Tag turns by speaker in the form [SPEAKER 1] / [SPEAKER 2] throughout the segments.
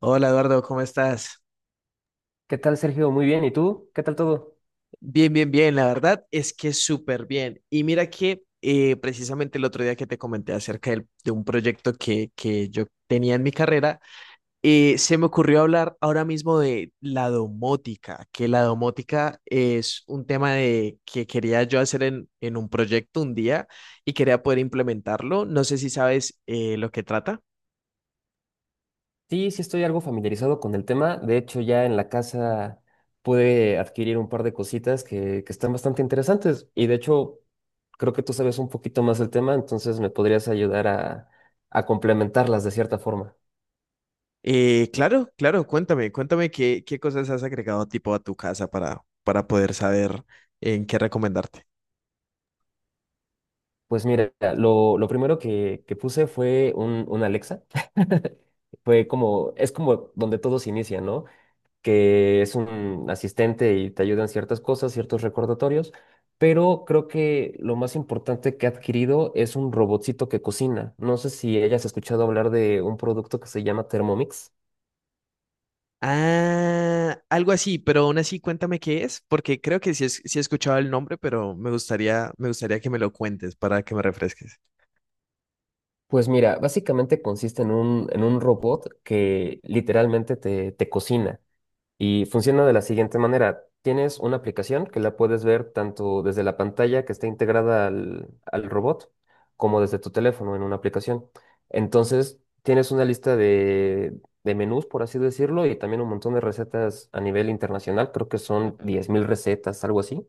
[SPEAKER 1] Hola Eduardo, ¿cómo estás?
[SPEAKER 2] ¿Qué tal, Sergio? Muy bien. ¿Y tú? ¿Qué tal todo?
[SPEAKER 1] Bien, bien, bien, la verdad es que súper bien. Y mira que precisamente el otro día que te comenté de un proyecto que yo tenía en mi carrera, se me ocurrió hablar ahora mismo de la domótica, que la domótica es un tema de, que quería yo hacer en un proyecto un día y quería poder implementarlo. No sé si sabes lo que trata.
[SPEAKER 2] Sí, sí estoy algo familiarizado con el tema. De hecho, ya en la casa pude adquirir un par de cositas que están bastante interesantes. Y de hecho, creo que tú sabes un poquito más del tema, entonces me podrías ayudar a complementarlas de cierta forma.
[SPEAKER 1] Claro, claro, cuéntame, qué cosas has agregado tipo a tu casa para poder saber en qué recomendarte.
[SPEAKER 2] Pues mira, lo primero que puse fue un Alexa. Fue como, es como donde todos inician, ¿no? Que es un asistente y te ayuda en ciertas cosas, ciertos recordatorios, pero creo que lo más importante que ha adquirido es un robotcito que cocina. No sé si hayas escuchado hablar de un producto que se llama Thermomix.
[SPEAKER 1] Ah, algo así, pero aún así cuéntame qué es, porque creo que sí, sí he escuchado el nombre, pero me gustaría que me lo cuentes para que me refresques.
[SPEAKER 2] Pues mira, básicamente consiste en un robot que literalmente te cocina. Y funciona de la siguiente manera. Tienes una aplicación que la puedes ver tanto desde la pantalla que está integrada al robot como desde tu teléfono en una aplicación. Entonces, tienes una lista de menús, por así decirlo, y también un montón de recetas a nivel internacional. Creo que son 10.000 recetas, algo así.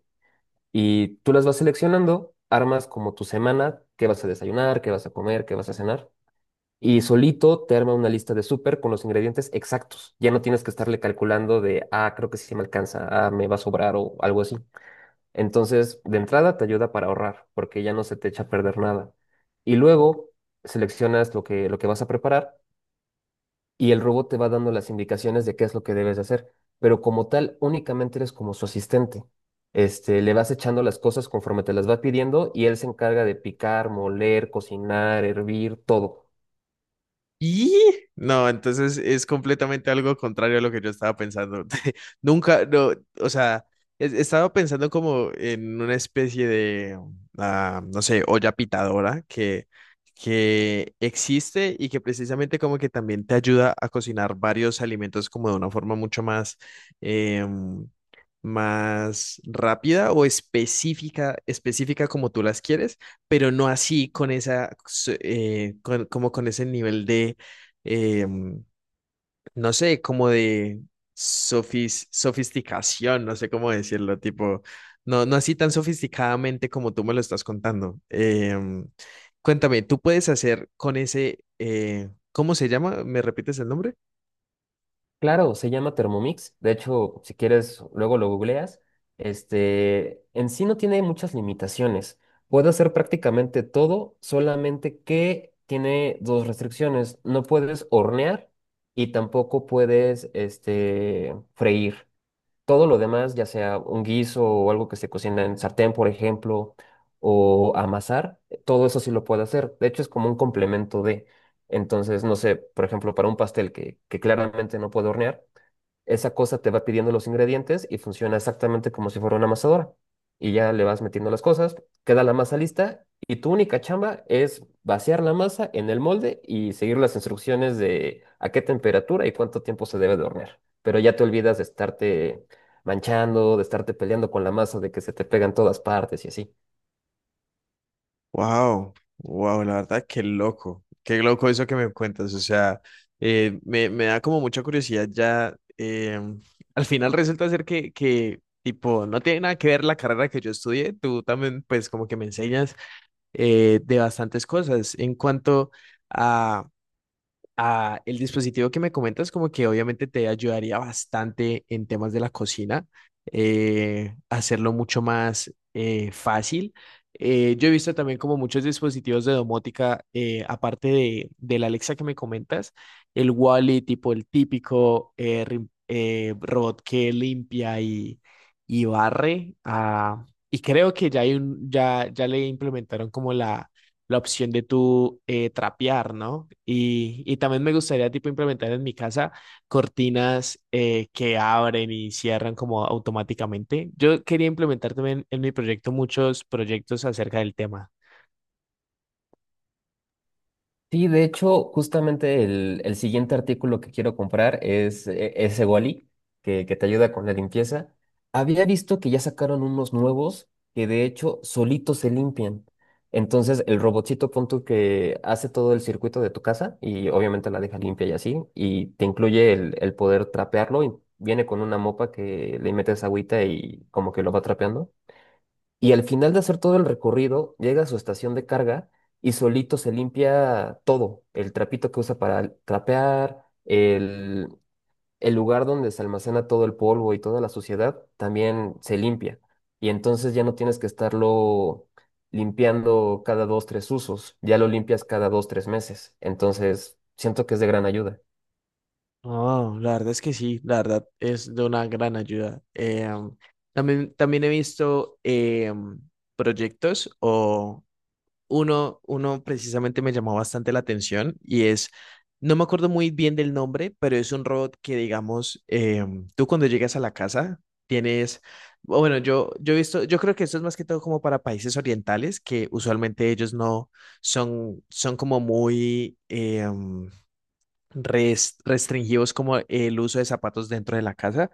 [SPEAKER 2] Y tú las vas seleccionando, armas como tu semana, qué vas a desayunar, qué vas a comer, qué vas a cenar. Y solito te arma una lista de súper con los ingredientes exactos. Ya no tienes que estarle calculando de, ah, creo que sí me alcanza, ah, me va a sobrar o algo así. Entonces, de entrada te ayuda para ahorrar, porque ya no se te echa a perder nada. Y luego seleccionas lo que vas a preparar y el robot te va dando las indicaciones de qué es lo que debes de hacer. Pero como tal, únicamente eres como su asistente. Este, le vas echando las cosas conforme te las va pidiendo y él se encarga de picar, moler, cocinar, hervir, todo.
[SPEAKER 1] Y no, entonces es completamente algo contrario a lo que yo estaba pensando. Nunca, no, o sea, estaba pensando como en una especie de, ah, no sé, olla pitadora que existe y que precisamente como que también te ayuda a cocinar varios alimentos como de una forma mucho más, em, más rápida o específica, específica como tú las quieres, pero no así con esa, como con ese nivel de, eh, no sé, como de sofisticación, no sé cómo decirlo, tipo, no, no así tan sofisticadamente como tú me lo estás contando. Cuéntame, ¿tú puedes hacer con ese, cómo se llama? ¿Me repites el nombre?
[SPEAKER 2] Claro, se llama Thermomix. De hecho, si quieres, luego lo googleas. Este, en sí no tiene muchas limitaciones. Puede hacer prácticamente todo, solamente que tiene dos restricciones. No puedes hornear y tampoco puedes, este, freír. Todo lo demás, ya sea un guiso o algo que se cocina en sartén, por ejemplo, o amasar, todo eso sí lo puede hacer. De hecho, es como un complemento de. Entonces, no sé, por ejemplo, para un pastel que claramente no puedo hornear, esa cosa te va pidiendo los ingredientes y funciona exactamente como si fuera una amasadora. Y ya le vas metiendo las cosas, queda la masa lista y tu única chamba es vaciar la masa en el molde y seguir las instrucciones de a qué temperatura y cuánto tiempo se debe de hornear. Pero ya te olvidas de estarte manchando, de estarte peleando con la masa, de que se te pegan todas partes y así.
[SPEAKER 1] Wow, wow, la verdad, qué loco eso que me cuentas. O sea, me da como mucha curiosidad ya. Al final resulta ser tipo, no tiene nada que ver la carrera que yo estudié. Tú también, pues, como que me enseñas de bastantes cosas en cuanto a. Ah, el dispositivo que me comentas como que obviamente te ayudaría bastante en temas de la cocina, hacerlo mucho más fácil. Yo he visto también como muchos dispositivos de domótica, aparte del Alexa que me comentas, el Wally, tipo el típico robot que limpia y barre. Ah, y creo que ya hay ya le implementaron como la opción de tú trapear, ¿no? Y también me gustaría tipo implementar en mi casa cortinas que abren y cierran como automáticamente. Yo quería implementar también en mi proyecto muchos proyectos acerca del tema.
[SPEAKER 2] Sí, de hecho, justamente el siguiente artículo que quiero comprar es ese Wally, que te ayuda con la limpieza. Había visto que ya sacaron unos nuevos que de hecho solitos se limpian. Entonces, el robotcito punto que hace todo el circuito de tu casa y obviamente la deja limpia y así, y te incluye el poder trapearlo y viene con una mopa que le metes agüita y como que lo va trapeando y al final de hacer todo el recorrido, llega a su estación de carga y solito se limpia todo, el trapito que usa para trapear, el lugar donde se almacena todo el polvo y toda la suciedad, también se limpia. Y entonces ya no tienes que estarlo limpiando cada dos, tres usos, ya lo limpias cada dos, tres meses. Entonces, siento que es de gran ayuda.
[SPEAKER 1] Oh, la verdad es que sí, la verdad es de una gran ayuda. También, también he visto, proyectos o uno, uno precisamente me llamó bastante la atención y es, no me acuerdo muy bien del nombre, pero es un robot que, digamos, tú cuando llegas a la casa tienes, o bueno, yo he visto, yo creo que esto es más que todo como para países orientales, que usualmente ellos no son, son como muy... res- restringimos como el uso de zapatos dentro de la casa.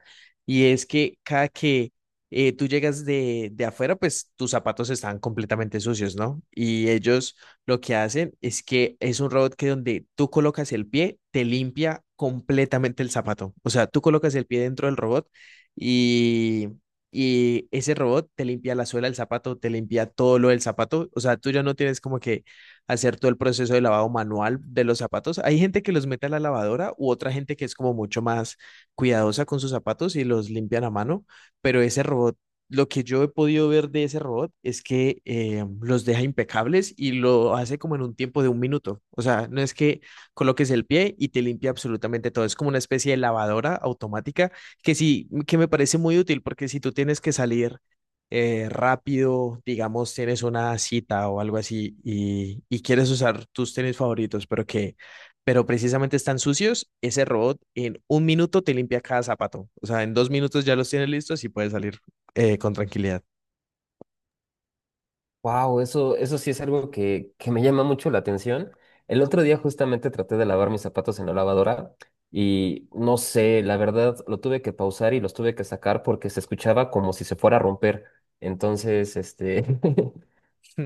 [SPEAKER 1] Y es que cada que tú llegas de afuera, pues tus zapatos están completamente sucios, ¿no? Y ellos lo que hacen es que es un robot que donde tú colocas el pie, te limpia completamente el zapato. O sea, tú colocas el pie dentro del robot y... Y ese robot te limpia la suela del zapato, te limpia todo lo del zapato. O sea, tú ya no tienes como que hacer todo el proceso de lavado manual de los zapatos. Hay gente que los mete a la lavadora u otra gente que es como mucho más cuidadosa con sus zapatos y los limpian a mano, pero ese robot, lo que yo he podido ver de ese robot es que los deja impecables y lo hace como en un tiempo de un minuto. O sea, no es que coloques el pie y te limpia absolutamente todo. Es como una especie de lavadora automática que sí, que me parece muy útil porque si tú tienes que salir rápido, digamos, tienes una cita o algo así y quieres usar tus tenis favoritos, pero precisamente están sucios, ese robot en un minuto te limpia cada zapato. O sea, en dos minutos ya los tienes listos y puedes salir con tranquilidad.
[SPEAKER 2] Wow, eso sí es algo que me llama mucho la atención. El otro día justamente traté de lavar mis zapatos en la lavadora y no sé, la verdad lo tuve que pausar y los tuve que sacar porque se escuchaba como si se fuera a romper. Entonces, este,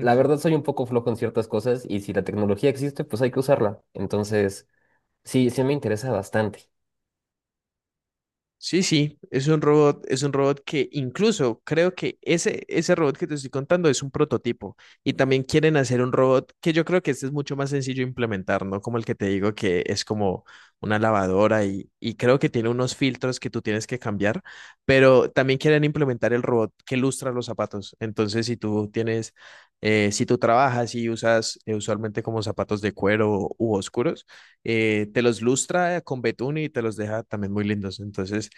[SPEAKER 2] la verdad soy un poco flojo en ciertas cosas y si la tecnología existe, pues hay que usarla. Entonces, sí, sí me interesa bastante.
[SPEAKER 1] Sí, sí, es un robot que incluso creo que ese robot que te estoy contando es un prototipo y también quieren hacer un robot que yo creo que este es mucho más sencillo de implementar, ¿no? Como el que te digo que es como una lavadora y creo que tiene unos filtros que tú tienes que cambiar, pero también quieren implementar el robot que lustra los zapatos. Entonces, si tú tienes, si tú trabajas y usas usualmente como zapatos de cuero u oscuros, te los lustra con betún y te los deja también muy lindos. Entonces,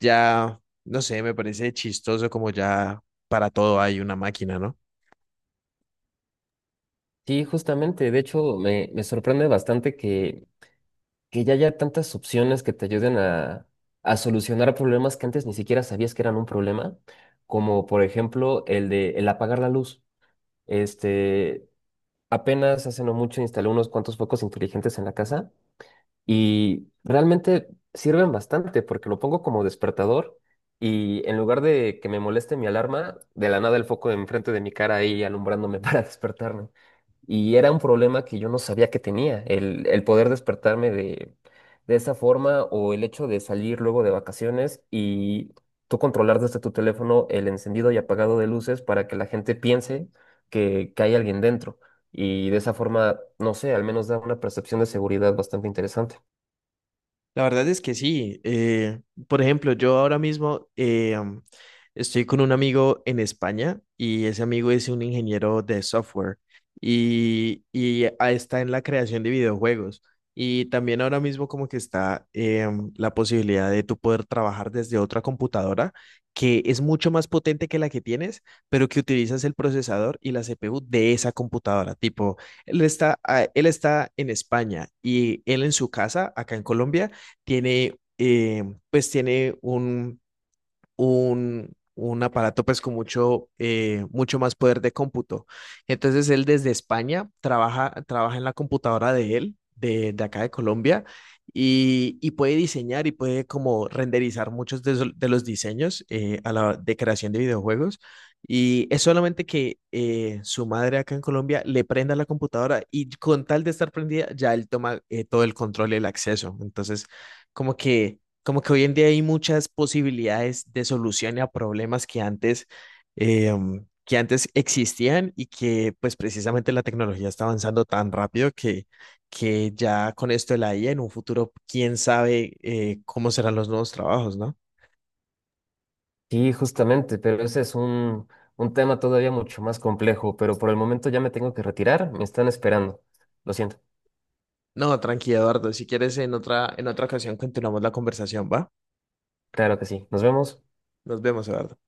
[SPEAKER 1] ya, no sé, me parece chistoso como ya para todo hay una máquina, ¿no?
[SPEAKER 2] Sí, justamente, de hecho, me sorprende bastante que ya haya tantas opciones que te ayuden a solucionar problemas que antes ni siquiera sabías que eran un problema, como por ejemplo el de el apagar la luz. Este, apenas hace no mucho instalé unos cuantos focos inteligentes en la casa y realmente sirven bastante porque lo pongo como despertador y en lugar de que me moleste mi alarma, de la nada el foco enfrente de mi cara ahí alumbrándome para despertarme. Y era un problema que yo no sabía que tenía, el poder despertarme de esa forma o el hecho de salir luego de vacaciones y tú controlar desde tu teléfono el encendido y apagado de luces para que la gente piense que hay alguien dentro. Y de esa forma, no sé, al menos da una percepción de seguridad bastante interesante.
[SPEAKER 1] La verdad es que sí. Por ejemplo, yo ahora mismo estoy con un amigo en España y ese amigo es un ingeniero de software y, está en la creación de videojuegos. Y también ahora mismo como que está la posibilidad de tú poder trabajar desde otra computadora que es mucho más potente que la que tienes, pero que utilizas el procesador y la CPU de esa computadora. Tipo, él está en España y él en su casa, acá en Colombia tiene, pues tiene un aparato pues con mucho, mucho más poder de cómputo. Entonces él desde España trabaja, trabaja en la computadora de él, de acá de Colombia, y puede diseñar y puede como renderizar muchos de los diseños de creación de videojuegos. Y es solamente que su madre acá en Colombia le prenda la computadora y con tal de estar prendida, ya él toma todo el control y el acceso. Entonces, como que como que hoy en día hay muchas posibilidades de solución a problemas eh, que antes existían y que pues precisamente la tecnología está avanzando tan rápido que ya con esto de la IA en un futuro, quién sabe cómo serán los nuevos trabajos, ¿no?
[SPEAKER 2] Sí, justamente, pero ese es un tema todavía mucho más complejo, pero por el momento ya me tengo que retirar, me están esperando. Lo siento.
[SPEAKER 1] No, tranquilo, Eduardo. Si quieres, en otra ocasión continuamos la conversación, ¿va?
[SPEAKER 2] Claro que sí. Nos vemos.
[SPEAKER 1] Nos vemos, Eduardo.